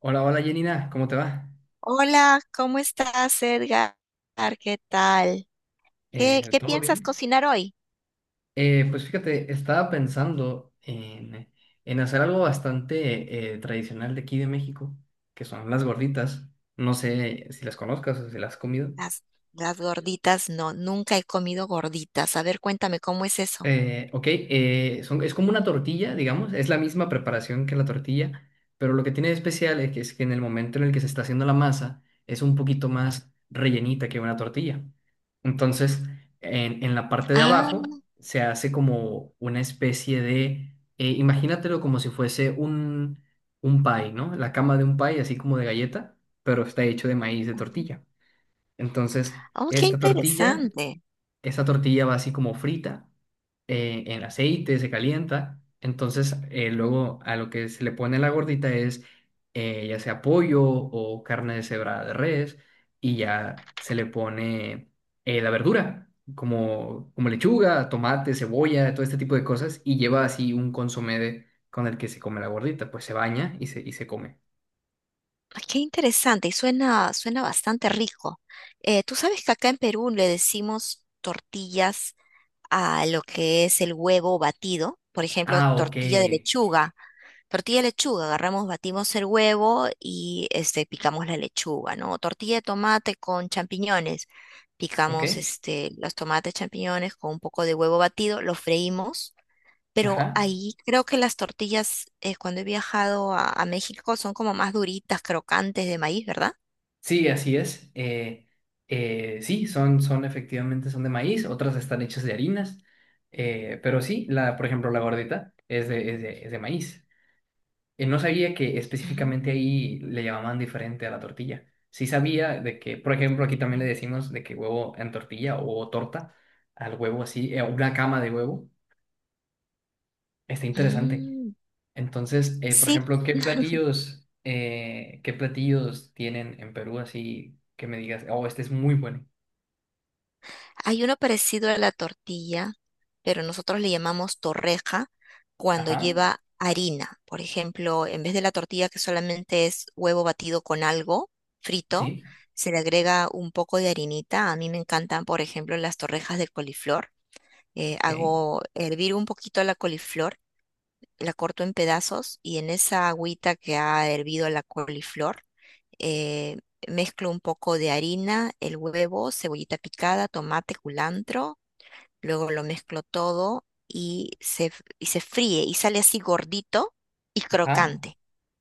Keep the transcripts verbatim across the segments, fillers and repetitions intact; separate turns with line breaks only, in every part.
Hola, hola Janina, ¿cómo te va?
Hola, ¿cómo estás, Edgar? ¿Qué tal? ¿Qué,
Eh,
qué
¿todo
piensas
bien?
cocinar hoy?
Eh, pues fíjate, estaba pensando en, en hacer algo bastante eh, tradicional de aquí de México, que son las gorditas. No sé si las conozcas o si las has comido.
Las, las gorditas, no, nunca he comido gorditas. A ver, cuéntame cómo es eso.
Eh, ok, eh, son, es como una tortilla, digamos, es la misma preparación que la tortilla, pero lo que tiene de especial es que, es que en el momento en el que se está haciendo la masa es un poquito más rellenita que una tortilla. Entonces, en, en la parte de
Ah,
abajo se hace como una especie de, eh, imagínatelo como si fuese un, un pie, ¿no? La cama de un pie, así como de galleta, pero está hecho de maíz de tortilla. Entonces,
oh, qué
esta tortilla
interesante.
esta tortilla va así como frita eh, en aceite, se calienta. Entonces, eh, luego a lo que se le pone la gordita es eh, ya sea pollo o carne deshebrada de res, y ya se le pone eh, la verdura, como, como lechuga, tomate, cebolla, todo este tipo de cosas, y lleva así un consomé de- con el que se come la gordita, pues se baña y se, y se come.
Ah, qué interesante y suena, suena bastante rico. Eh, tú sabes que acá en Perú le decimos tortillas a lo que es el huevo batido, por ejemplo,
Ah, ok,
tortilla de lechuga. Tortilla de lechuga, agarramos, batimos el huevo y este, picamos la lechuga, ¿no? Tortilla de tomate con champiñones.
ok,
Picamos este, los tomates, champiñones con un poco de huevo batido, lo freímos, pero
ajá.
ahí creo que las tortillas, eh, cuando he viajado a, a México, son como más duritas, crocantes de maíz, ¿verdad?
Sí, así es. Eh, eh, sí, son, son efectivamente son de maíz, otras están hechas de harinas, eh, pero sí, la, por ejemplo, la gordita es de, es de, es de maíz. Eh, no sabía que específicamente
Mm,
ahí le llamaban diferente a la tortilla. Sí sabía de que, por ejemplo, aquí también le decimos de que huevo en tortilla o torta al huevo así, eh, una cama de huevo. Está interesante.
mm.
Entonces, eh, por
Sí,
ejemplo, ¿qué platillos, eh, qué platillos tienen en Perú así que me digas, oh, este es muy bueno?
hay uno parecido a la tortilla, pero nosotros le llamamos torreja cuando
Ajá,
lleva harina. Por ejemplo, en vez de la tortilla que solamente es huevo batido con algo frito,
sí,
se le agrega un poco de harinita. A mí me encantan, por ejemplo, las torrejas de coliflor. Eh,
ok,
hago hervir un poquito la coliflor, la corto en pedazos y en esa agüita que ha hervido la coliflor, eh, mezclo un poco de harina, el huevo, cebollita picada, tomate, culantro, luego lo mezclo todo y se, f- y se fríe y sale así gordito y
ajá,
crocante.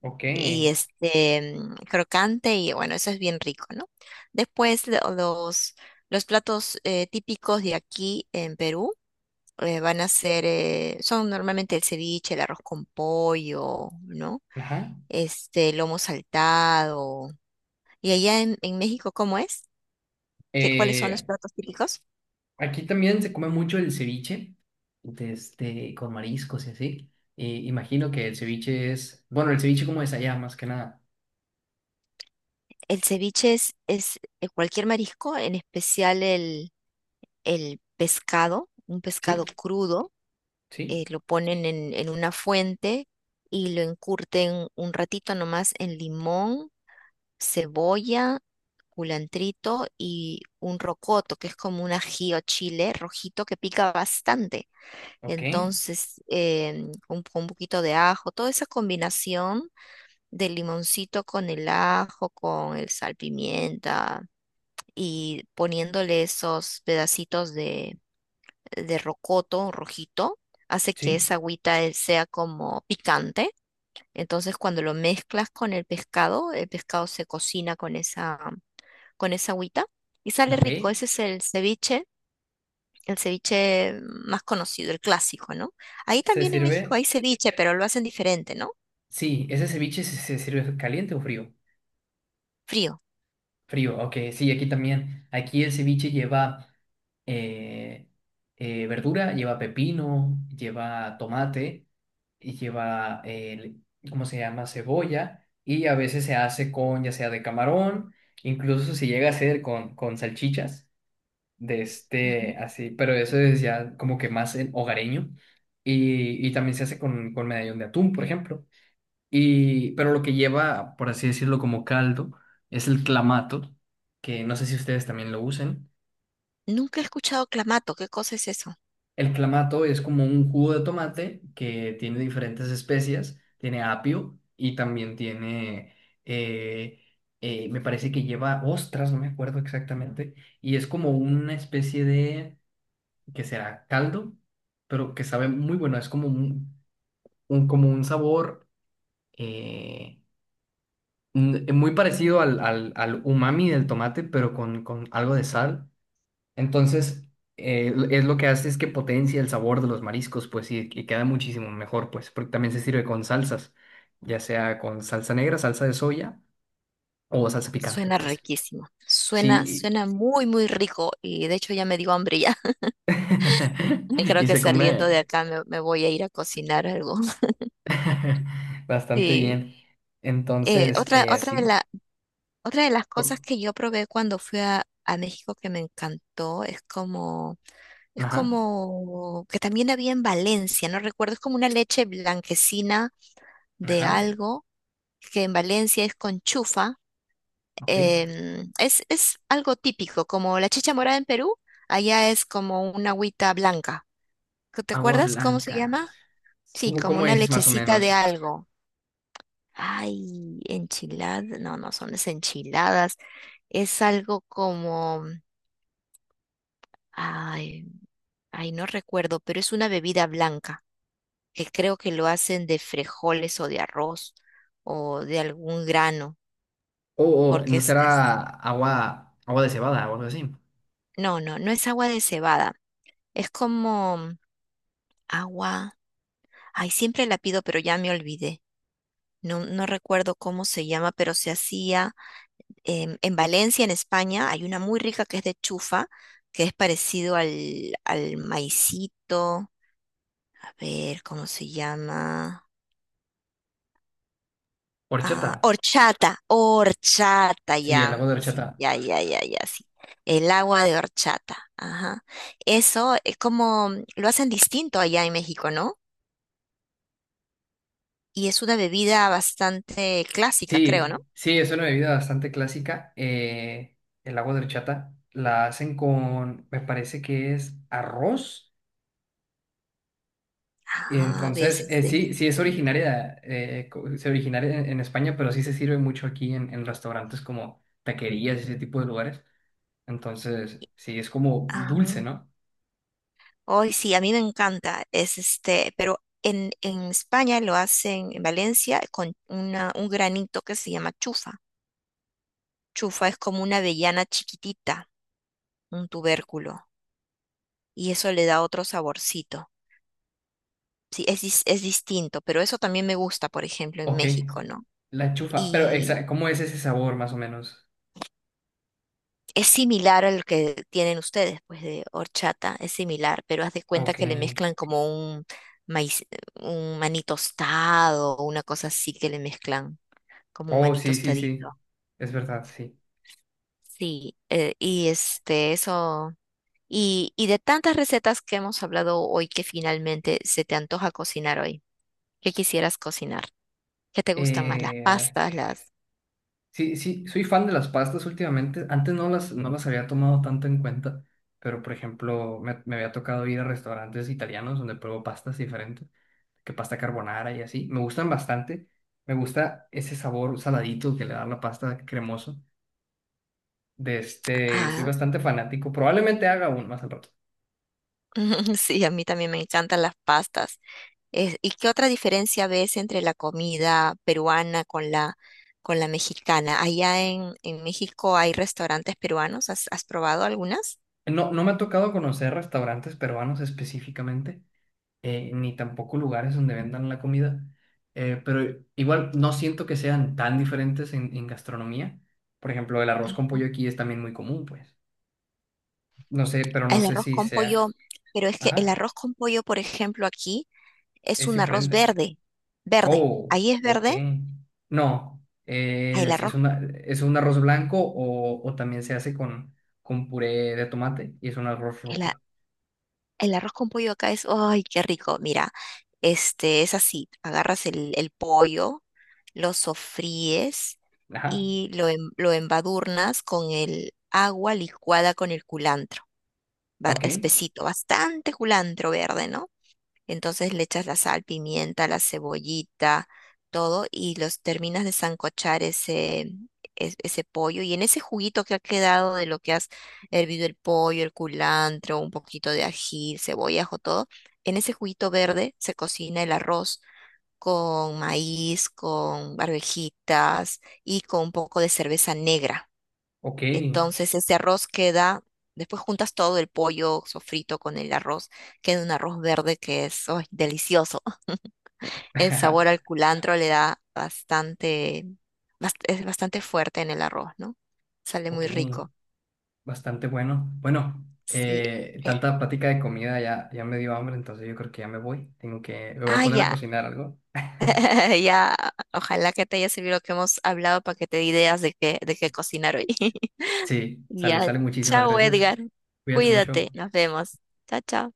ok,
Y este, mm, crocante y bueno, eso es bien rico, ¿no? Después lo- los, los platos eh, típicos de aquí en Perú eh, van a ser, eh, son normalmente el ceviche, el arroz con pollo, ¿no?
ajá.
Este, lomo saltado. ¿Y allá en, en México cómo es? ¿Qué, cuáles son los
Eh,
platos típicos?
Aquí también se come mucho el ceviche, de este, con mariscos y así. Y imagino que el ceviche es, bueno, el ceviche como es allá, más que nada.
El ceviche es, es eh, cualquier marisco, en especial el, el pescado, un pescado
Sí,
crudo,
sí,
eh, lo ponen en, en una fuente y lo encurten un ratito nomás en limón, cebolla, culantrito y un rocoto, que es como un ají o chile rojito que pica bastante.
ok,
Entonces, eh, un, con un poquito de ajo, toda esa combinación del limoncito con el ajo, con el salpimienta y poniéndole esos pedacitos de, de rocoto rojito, hace que
sí,
esa agüita eh, sea como picante. Entonces, cuando lo mezclas con el pescado, el pescado se cocina con esa, con esa agüita y sale
ok.
rico. Ese es el ceviche, el ceviche más conocido, el clásico, ¿no? Ahí
¿Se
también en México
sirve?
hay ceviche, pero lo hacen diferente, ¿no?
Sí, ¿ese ceviche se, se sirve caliente o frío?
Frío.
Frío, ok, sí, aquí también. Aquí el ceviche lleva eh, eh, verdura, lleva pepino, lleva tomate, y lleva, el, ¿cómo se llama? Cebolla, y a veces se hace con, ya sea de camarón, incluso se llega a hacer con, con salchichas, de este,
Ujú.
así, pero eso es ya como que más en hogareño, y, y también se hace con, con medallón de atún, por ejemplo. Y, pero lo que lleva, por así decirlo, como caldo es el clamato, que no sé si ustedes también lo usen.
Nunca he escuchado clamato. ¿Qué cosa es eso?
El clamato es como un jugo de tomate que tiene diferentes especias, tiene apio y también tiene, eh, eh, me parece que lleva ostras, no me acuerdo exactamente, y es como una especie de, que será caldo, pero que sabe muy bueno, es como un, un- como un sabor. eh, mm, eh, Muy parecido al, al- al umami del tomate, pero con, con algo de sal. Entonces, eh, es lo que hace es que potencia el sabor de los mariscos, pues, y, y queda muchísimo mejor, pues, porque también se sirve con salsas, ya sea con salsa negra, salsa de soya o salsa picante,
Suena
pues.
riquísimo, suena,
Sí,
suena muy, muy rico y de hecho ya me dio hambre ya. Creo
y
que
se
saliendo de
come
acá me, me voy a ir a cocinar algo.
bastante
Sí.
bien.
Eh,
Entonces,
otra,
eh,
otra de
así,
la, otra de las cosas
por-
que yo probé cuando fui a, a México que me encantó es como, es
ajá,
como que también había en Valencia, no recuerdo, es como una leche blanquecina de
ajá,
algo que en Valencia es con chufa,
ok.
em, es, es algo típico, como la chicha morada en Perú, allá es como una agüita blanca. ¿Qué- ¿Te
Agua
acuerdas cómo se
blanca.
llama? Sí,
¿Cómo,
como
cómo
una
es más o
lechecita de
menos?
algo. Ay, enchiladas, no, no son las enchiladas, es algo como, ay, ay, no recuerdo, pero es una bebida blanca, que creo que lo hacen de frijoles o de arroz o de algún grano,
O, o,
porque
no
es,
será
es-
agua, agua de cebada o algo así.
no, no, no es agua de cebada, es como agua. Ay, siempre la pido, pero ya me olvidé. No, no recuerdo cómo se llama, pero se hacía em, en Valencia, en España. Hay una muy rica que es de chufa, que es parecido al, al maicito. A ver, ¿cómo se llama? Ah,
Horchata.
horchata, horchata,
Sí, el
ya.
agua de
Sí,
horchata.
ya, ya, ya, ya, sí. El agua de horchata. Ajá. Eso es como lo hacen distinto allá en México, ¿no? Y es una bebida bastante clásica, creo, ¿no?
Sí, sí, es una bebida bastante clásica. Eh, el agua de horchata la hacen con, me parece que es arroz. Y
Ah, a
entonces,
veces
eh,
es
sí, sí es
distinto.
originaria, eh, co- es originaria en, en España, pero sí se sirve mucho aquí en, en restaurantes como taquerías, y ese tipo de lugares. Entonces, sí, es como dulce,
Ajá.
¿no?
Hoy sí, a mí me encanta. Es este, pero en, en España lo hacen en Valencia con una, un granito que se llama chufa. Chufa es como una avellana chiquitita, un tubérculo, y eso le da otro saborcito. Sí, es, dis- es distinto, pero eso también me gusta, por ejemplo, en
Ok,
México, ¿no?
la chufa. Pero, exa- ¿cómo es ese sabor más o menos?
Es similar a lo que tienen ustedes, pues de horchata, es similar, pero haz de cuenta
Ok.
que le mezclan como un maíz, un maní tostado o una cosa así que le mezclan, como un
Oh,
maní
sí, sí,
tostadito.
sí. Es verdad, sí.
Sí, eh, y este, eso, y, y de tantas recetas que hemos hablado hoy que finalmente se te antoja cocinar hoy, ¿qué quisieras cocinar? ¿Qué te gustan más? Las
Eh,
pastas, las...
sí, sí, soy fan de las pastas últimamente. Antes no las, no las había tomado tanto en cuenta, pero por ejemplo, me, me había tocado ir a restaurantes italianos donde pruebo pastas diferentes, que pasta carbonara y así. Me gustan bastante. Me gusta ese sabor saladito que le da la pasta cremoso. De este, soy
Ah,
bastante fanático. Probablemente haga aún más al rato.
sí, a mí también me encantan las pastas. Es- ¿y qué otra diferencia ves entre la comida peruana con la, con la mexicana? Allá en, en México hay restaurantes peruanos, ¿has, has probado algunas?
No, no me ha tocado conocer restaurantes peruanos específicamente, eh, ni tampoco lugares donde vendan la comida, eh, pero igual no siento que sean tan diferentes en, en gastronomía. Por ejemplo, el arroz con
Ujú.
pollo aquí es también muy común, pues. No sé, pero no
El
sé
arroz
si
con pollo,
sea...
pero es que el
Ajá,
arroz con pollo, por ejemplo, aquí es
es
un arroz
diferente.
verde, verde.
Oh,
Ahí es
ok.
verde,
No,
ah,
eh,
el
es, es
arroz,
una, es un arroz blanco o, o también se hace con, con puré de tomate y es un arroz
el, a-
rojo.
el arroz con pollo acá es, ¡ay, qué rico! Mira, este es así, agarras el, el pollo, lo sofríes
Ajá,
y lo, em- lo embadurnas con el agua licuada con el culantro, ba-
ok,
espesito, bastante culantro verde, ¿no? Entonces le echas la sal, pimienta, la cebollita, todo y los terminas de sancochar ese, es- ese pollo. Y en ese juguito que ha quedado de lo que has hervido el pollo, el culantro, un poquito de ají, cebolla, ajo, todo, en ese juguito verde se cocina el arroz con maíz, con barbejitas y con un poco de cerveza negra.
ok.
Entonces ese arroz queda, después juntas todo el pollo sofrito con el arroz, queda un arroz verde que es ¡ay, delicioso! El sabor al culantro le da bastante, bast- es bastante fuerte en el arroz, ¿no? Sale muy
Ok,
rico.
bastante bueno. Bueno,
Sí.
eh, tanta plática de comida ya, ya me dio hambre, entonces yo creo que ya me voy. Tengo que, me voy a
Ah,
poner a
ya,
cocinar algo.
ya. Ojalá que te haya servido lo que hemos hablado para que te dé ideas de qué, de qué cocinar hoy.
Sí, sale,
Ya.
sale. Muchísimas
Chao,
gracias.
Edgar.
Cuídate mucho.
Cuídate. Nos vemos. Chao, chao.